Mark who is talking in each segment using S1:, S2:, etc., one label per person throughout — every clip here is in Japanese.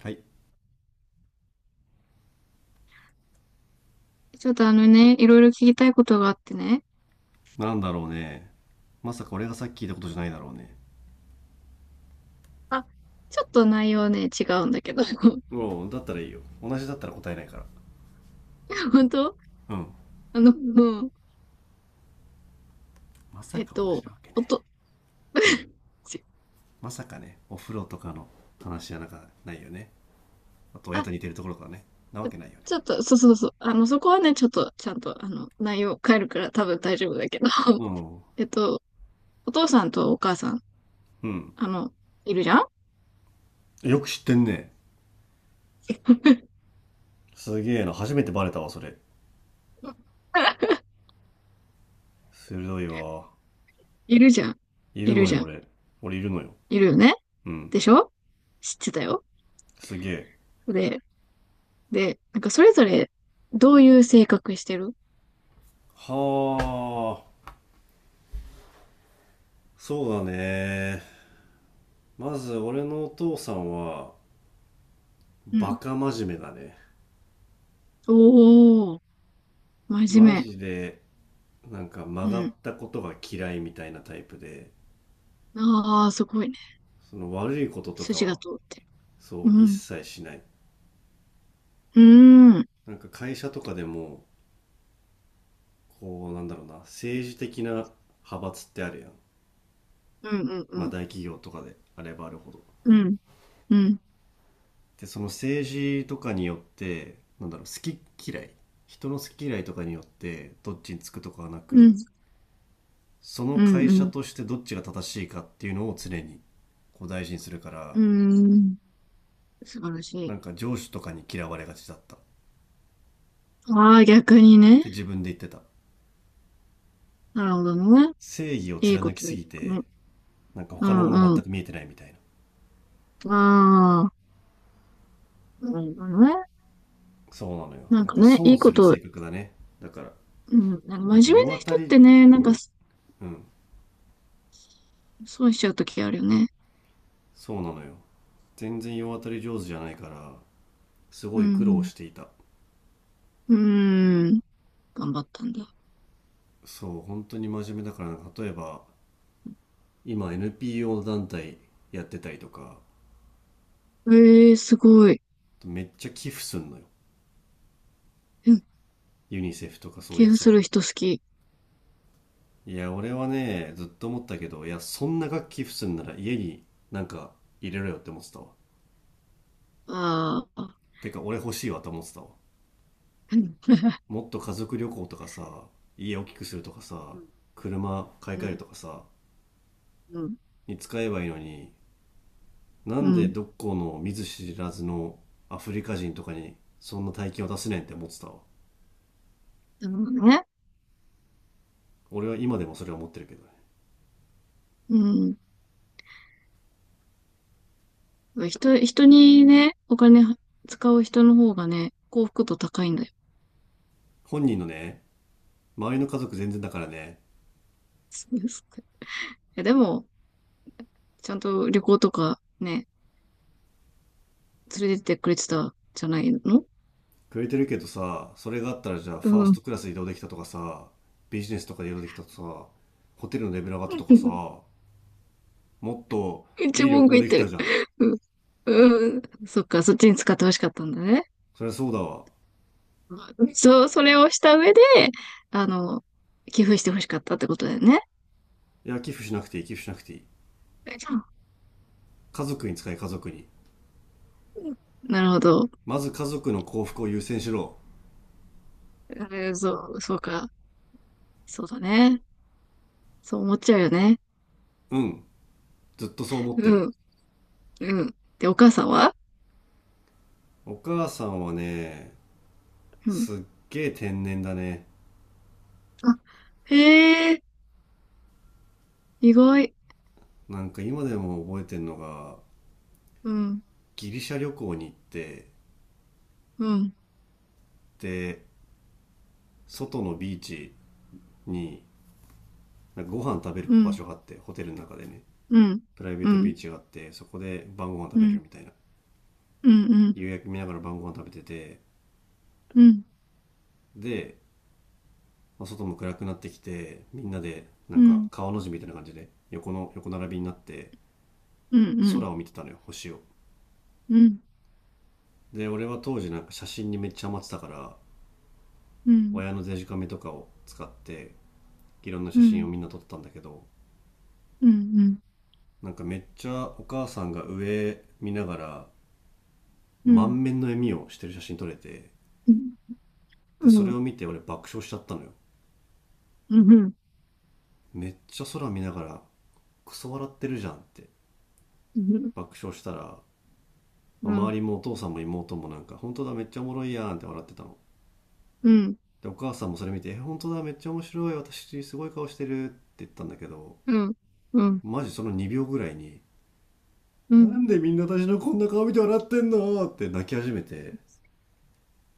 S1: はい。
S2: ちょっとあのね、いろいろ聞きたいことがあってね。
S1: なんだろうね。まさか俺がさっき聞いたことじゃないだろうね。
S2: あ、ちょっと内容ね、違うんだけど。
S1: おう、だったらいいよ、同じだったら答えないから。
S2: 本当。
S1: うん。
S2: うん。
S1: まさ
S2: えっ
S1: か同じ
S2: と、
S1: なわけ
S2: お
S1: ね。
S2: と、
S1: うん。
S2: ち
S1: まさかね、お風呂とかの話じゃなんかないよね。あと親
S2: あ、
S1: と似てるところからね。なわけないよね。
S2: ちょっと、そうそうそう。そこはね、ちょっと、ちゃんと、内容変えるから多分大丈夫だけど。
S1: うん。
S2: えっと、お父さんとお母さん、
S1: うん。
S2: あの、いるじゃん。
S1: よく知ってんね。すげえな、初めてバレたわそれ。 鋭いわ。
S2: いるじゃん。
S1: い
S2: い
S1: る
S2: る
S1: の
S2: じ
S1: よ
S2: ゃん。
S1: 俺いるのよ。
S2: いるよね。
S1: うん。
S2: でしょ。知ってたよ。
S1: すげえ。
S2: で、で、なんかそれぞれ、どういう性格してる？
S1: はあ。そうだね。まず俺のお父さんは
S2: う
S1: バ
S2: ん。
S1: カ真面目だね。
S2: おー、真面
S1: マ
S2: 目。
S1: ジで、なんか曲
S2: う
S1: がっ
S2: ん。
S1: たことが嫌いみたいなタイプで、
S2: ああ、すごいね。
S1: その悪いこととか
S2: 筋が
S1: は、
S2: 通ってる。
S1: そ
S2: う
S1: う、一
S2: ん。
S1: 切しない。
S2: うーん。
S1: なんか会社とかでも、こう、なんだろうな、政治的な派閥ってあるやん。
S2: うんうん
S1: ま
S2: う
S1: あ
S2: ん。
S1: 大企業とかであればあるほど。
S2: うん。うん。
S1: で、その政治とかによって、なんだろう、好き嫌い。人の好き嫌いとかによって、どっちにつくとかはな
S2: う
S1: く、
S2: ん。
S1: その
S2: う
S1: 会
S2: ん。う
S1: 社
S2: ん。
S1: としてどっちが正しいかっていうのを常に、こう大事にするから、
S2: うん。素晴らし
S1: な
S2: い。
S1: んか上司とかに嫌われがちだったっ
S2: ああ、逆にね。
S1: て自分で言ってた。
S2: なるほどね。
S1: 正義を
S2: いいこ
S1: 貫き
S2: と
S1: す
S2: い
S1: ぎ
S2: くね。
S1: て、なんか
S2: う
S1: 他のもの
S2: んう
S1: 全
S2: ん。
S1: く見えてないみたいな。
S2: ああ、なるほどね。
S1: そうなのよ。
S2: なん
S1: なん
S2: か
S1: か
S2: ね、い
S1: 損
S2: い
S1: す
S2: こ
S1: る
S2: と、
S1: 性格だね。だから、
S2: うん。なんか真面目
S1: なん
S2: な
S1: か世当た
S2: 人っ
S1: り、
S2: てね、なんか
S1: うん、
S2: 損しちゃうときあるよね。
S1: そうなのよ。全然世当たり上手じゃないから、す
S2: う
S1: ごい苦労
S2: ん。
S1: していた。
S2: うん。頑張ったんだ。
S1: そう、本当に真面目だからな、例えば、今 NPO 団体やってたりとか、
S2: ええー、すごい。
S1: めっちゃ寄付すんのよ。
S2: うん。
S1: ユニセフとかそういう
S2: 気
S1: や
S2: に
S1: つ
S2: す
S1: ら
S2: る
S1: に。
S2: 人好き。
S1: いや、俺はね、ずっと思ったけど、いや、そんな楽器普通なら家になんか入れろよって思ってたわ。
S2: ああ。
S1: てか、俺欲しいわと思ってたわ。
S2: うん、
S1: もっと家族旅行とかさ、家大きくするとかさ、車買い
S2: う
S1: 替える
S2: ん、
S1: とかさ、
S2: うん、
S1: に使えばいいのに、な
S2: う
S1: んで
S2: ん。
S1: どっこの見ず知らずのアフリカ人とかにそんな大金を出せねんって思ってたわ。
S2: でもね、
S1: 俺は今でもそれは思ってるけどね。
S2: うん。人にね、お金は使う人の方がね、幸福度高いんだよ。
S1: 本人のね、周りの家族全然だからね、
S2: そうですか。いや、でも、ちゃんと旅行とかね、連れてってくれてたじゃないの。
S1: くれてるけどさ、それがあったらじゃあ
S2: う
S1: ファース
S2: ん。
S1: トクラス移動できたとかさ、ビジネスとかで移動できたとかさ、ホテルのレベル上がったとかさ、もっと
S2: 一
S1: いい旅
S2: 文句
S1: 行
S2: 言っ
S1: でき
S2: て
S1: た
S2: る。
S1: じゃん。
S2: うん。うん。そっか、そっちに使ってほしかったんだね。
S1: そりゃそうだわ。
S2: そう、それをした上で、あの、寄付してほしかったってことだよね。
S1: いや、寄付しなくていい、寄付しなくていい。
S2: うん。
S1: 家族に使え、家族に。
S2: なるほど。
S1: まず家族の幸福を優先しろ。
S2: そう、そうか。そうだね。そう思っちゃうよね。
S1: うん、ずっとそう思ってる。
S2: うん、うん。で、お母さんは？
S1: お母さんはね、
S2: うん。
S1: すっげえ天然だね。
S2: あ、へえ、意外。
S1: なんか今でも覚えてんのが、
S2: うん、
S1: ギリシャ旅行に行って、
S2: うん、
S1: で、外のビーチになんかご飯食べる
S2: う
S1: 場
S2: ん、
S1: 所があって、ホテルの中でね、
S2: うん、
S1: プライベー
S2: う
S1: トビ
S2: ん、
S1: ーチがあって、そこで晩ご飯食
S2: う
S1: べれる
S2: ん、
S1: みたいな。
S2: うん、うん、
S1: 夕焼け見ながら晩ご飯食べてて、
S2: うん、うん、
S1: で、まあ、外も暗くなってきて、みんなで、な
S2: う
S1: んか
S2: ん、
S1: 川の字みたいな感じで、横の、横並びになって、
S2: う
S1: 空
S2: ん、
S1: を見てたのよ、星を。
S2: うん、
S1: で、俺は当時なんか写真にめっちゃハマってたから、
S2: うん、うん、
S1: 親のデジカメとかを使って、いろんな
S2: う
S1: 写真を
S2: ん、
S1: みんな撮ってたんだけど、
S2: うん、うん、
S1: なんかめっちゃお母さんが上見ながら、
S2: うん、うん、
S1: 満面の笑みをしてる写真撮れて、
S2: う
S1: で
S2: ん、
S1: そ
S2: う
S1: れ
S2: ん、
S1: を見て俺爆笑しちゃったのよ。
S2: うん、うん、
S1: めっちゃ空見ながらクソ笑ってるじゃんって爆笑したら、まあ周りもお父さんも妹もなんか本当だめっちゃおもろいやんって笑ってたの。
S2: うん、
S1: でお母さんもそれ見て「え本当だめっちゃ面白い私すごい顔してる」って言ったんだけど、
S2: うん、
S1: マジその2秒ぐらいに
S2: う
S1: 「な
S2: ん、
S1: んでみんな私のこんな顔見て笑ってんの？」って泣き始めて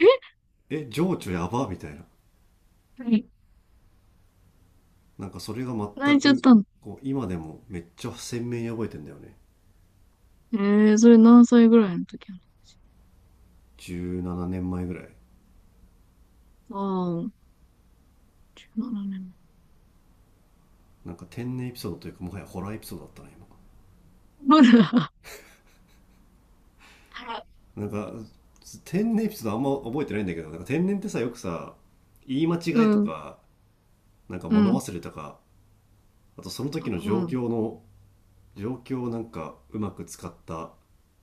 S2: え、
S1: 「え情緒やば」みたいな。なんかそれが
S2: 泣
S1: 全
S2: いちゃっ
S1: く
S2: たの？
S1: こう今でもめっちゃ鮮明に覚えてんだよね。
S2: ええ、それ何歳ぐらいの時な
S1: 17年前ぐらい。
S2: の？ああ、なるほどね。
S1: なんか天然エピソードというかもはやホラーエピソードだったな今。
S2: ほら。はい。
S1: なんか天然エピソードあんま覚えてないんだけど、なんか天然ってさ、よくさ、言い間
S2: う
S1: 違いと
S2: ん、
S1: か、なんか
S2: う
S1: 物
S2: ん、
S1: 忘れとか、あとその時の
S2: う
S1: 状
S2: ん、
S1: 況の、状況をなんかうまく使った、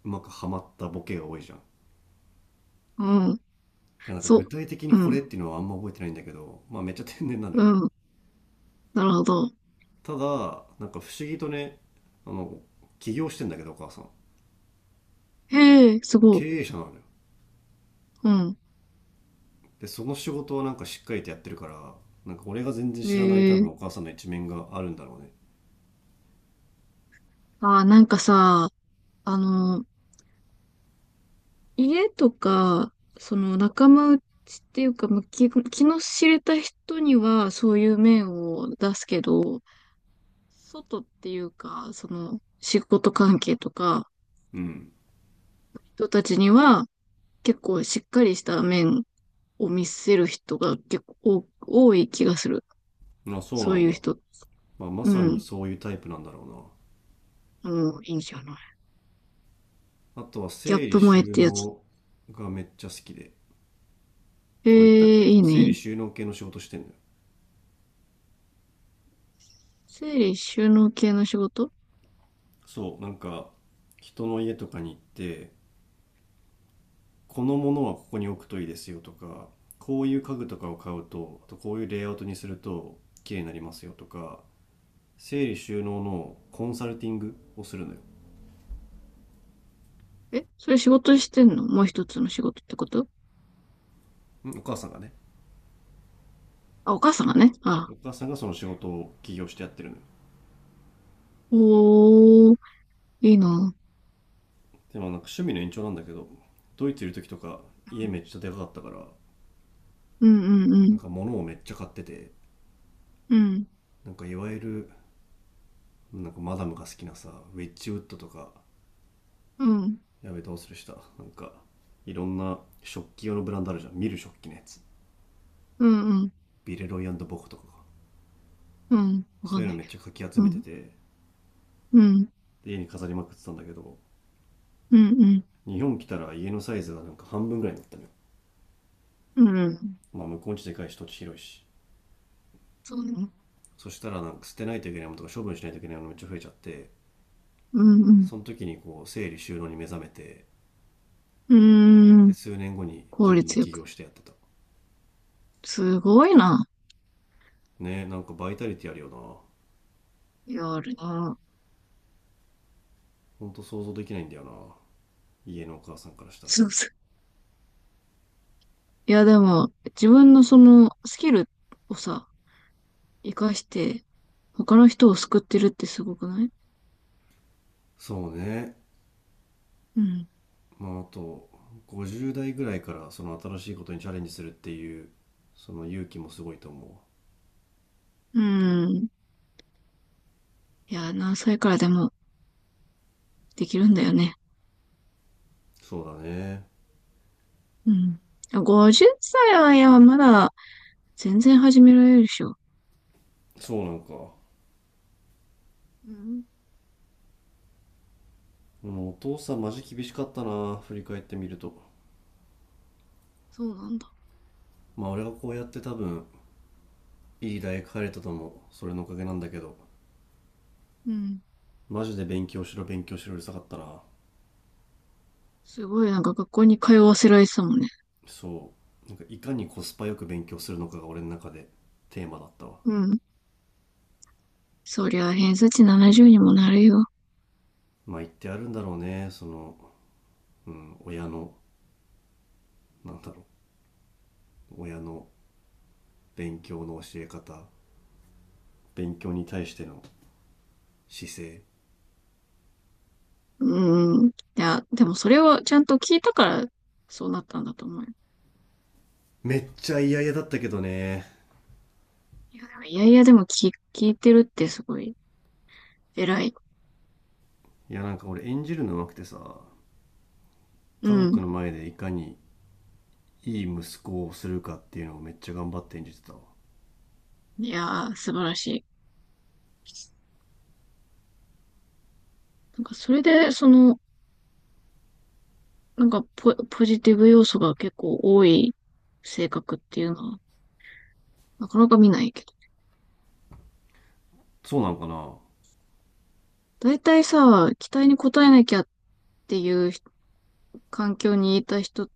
S1: うまくはまったボケが多いじゃん。だ
S2: うん、
S1: からなんか具
S2: そ
S1: 体的に
S2: う、う
S1: これ
S2: ん、
S1: っていうのはあんま覚えてないんだけど、まあめっちゃ天然なの
S2: う
S1: よ。
S2: ん、なるほど。
S1: ただなんか不思議とね、あの、起業してんだけどお母さん、
S2: へえ、すごい。
S1: 経営者なのよ。
S2: うん、
S1: でその仕事をなんかしっかりとやってるから、なんか俺が全然知らない多
S2: へ
S1: 分
S2: え。
S1: お母さんの一面があるんだろうね。
S2: あー、なんかさ、あの、家とか、その仲間内っていうか、まあ、気の知れた人にはそういう面を出すけど、外っていうか、その仕事関係とか、
S1: うん。
S2: 人たちには結構しっかりした面を見せる人が結構多い気がする。
S1: あそ
S2: そ
S1: うな
S2: う
S1: ん
S2: いう
S1: だ、
S2: 人って。
S1: まあ、ま
S2: う
S1: さに
S2: ん。
S1: そういうタイプなんだろう
S2: もういいんじゃない。
S1: な。あとは
S2: ギャッ
S1: 整理
S2: プ萌えっ
S1: 収
S2: てやつ。
S1: 納がめっちゃ好きで、
S2: え
S1: 俺言ったっけ、
S2: え、
S1: そ
S2: い
S1: の
S2: いね、
S1: 整
S2: いい
S1: 理
S2: ね。
S1: 収納系の仕事してんのよ。
S2: 整理収納系の仕事。
S1: そう、なんか人の家とかに行って、このものはここに置くといいですよとか、こういう家具とかを買うと、あとこういうレイアウトにすると綺麗になりますよとか、整理収納のコンサルティングをするのよ。
S2: え、それ仕事してんの？もう一つの仕事ってこと？
S1: うん、お母さんがね。
S2: あ、お母さんがね。あ、
S1: お母さんがその仕事を起業してやってるのよ。
S2: おー、いいな。
S1: でもなんか趣味の延長なんだけど、ドイツいる時とか家めっちゃでかかったから、
S2: うんうんう
S1: な
S2: ん。
S1: んか物をめっちゃ買ってて、
S2: うん。
S1: なんかいわゆる、なんかマダムが好きなさ、ウェッジウッドとか、
S2: うん。
S1: やべどうするしたなんか、いろんな食器用のブランドあるじゃん、見る食器のやつ、
S2: うんうん。
S1: ビレロイボコとかが、
S2: うん。わか
S1: そう
S2: ん
S1: いう
S2: な
S1: の
S2: い
S1: めっ
S2: け
S1: ちゃかき集
S2: ど。う
S1: めて
S2: ん。
S1: て、
S2: うん。
S1: 家に飾りまくってたんだけど、
S2: うんうん。
S1: 日本来たら家のサイズがなんか半分ぐらいになったのよ。
S2: うん。
S1: まあ向こうちでかいし土地広いし。
S2: そうね。
S1: そしたらなんか捨てないといけないものとか処分しないといけないものめっちゃ増えちゃって、
S2: うんうん。
S1: その時にこう整理収納に目覚めて、
S2: うー
S1: で
S2: ん。
S1: 数年後に自
S2: 効
S1: 分で
S2: 率よ
S1: 起
S2: く。
S1: 業してやってた。
S2: すごいな。
S1: ね、なんかバイタリティあるよな。
S2: やるな。
S1: ほんと想像できないんだよな、家のお母さんからしたら。
S2: そうそう。いや、でも、自分のそのスキルをさ、活かして、他の人を救ってるってすごくない？
S1: そうね。
S2: うん。
S1: まああと50代ぐらいからその新しいことにチャレンジするっていう、その勇気もすごいと思う。
S2: うん。いや、何歳からでもできるんだよね。
S1: そうだね。
S2: うん。50歳は、いや、まだ全然始められるでしょ。
S1: そうなんかも
S2: うん。
S1: う、お父さんマジ厳しかったな振り返ってみると。
S2: そうなんだ。
S1: まあ俺がこうやって多分いい大学入れたともそれのおかげなんだけど、
S2: うん。
S1: マジで勉強しろ勉強しろうるさかったな。
S2: すごい、なんか学校に通わせられてたもんね。
S1: そうなんかいかにコスパよく勉強するのかが俺の中でテーマだったわ。
S2: うん。そりゃ、偏差値70にもなるよ。
S1: まあ言ってあるんだろうね、その、うん、親の、なんだろう、親の勉強の教え方、勉強に対しての姿勢。
S2: うん。いや、でもそれをちゃんと聞いたから、そうなったんだと思うよ。
S1: めっちゃ嫌々だったけどね。
S2: いや、でもいやいやでも聞いてるってすごい偉い。
S1: いや、なんか俺演じるの上手くてさ、
S2: う
S1: 家族
S2: ん。
S1: の前でいかにいい息子をするかっていうのをめっちゃ頑張って演じてたわ。
S2: いやー、素晴らしい。なんかそれで、なんかポジティブ要素が結構多い性格っていうのは、なかなか見ないけど。
S1: そうなんかな。は
S2: 大体さ、期待に応えなきゃっていう環境にいた人っ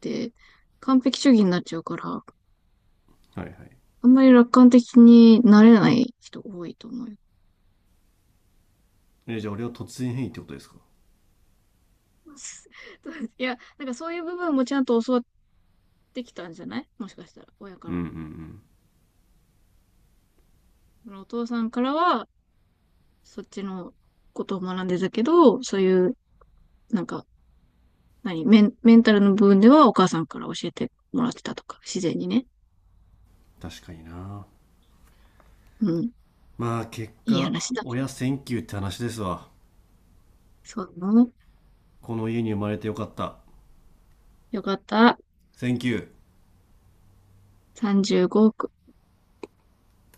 S2: て、完璧主義になっちゃうから、
S1: いはい。
S2: あんまり楽観的になれない人多いと思うよ。
S1: え、じゃあ俺は突然変異ってことですか。
S2: いや、なんかそういう部分もちゃんと教わってきたんじゃない？もしかしたら、親か
S1: うんうん
S2: ら。
S1: うん。
S2: そのお父さんからは、そっちのことを学んでたけど、そういう、なんか、何、メン、メンタルの部分ではお母さんから教えてもらってたとか、自然にね。
S1: 確かにな。
S2: うん。
S1: まあ結
S2: いい
S1: 果
S2: 話だ。
S1: 親センキューって話ですわ。
S2: そうなの。
S1: この家に生まれてよかった。
S2: よかった。
S1: センキュー。
S2: 35億。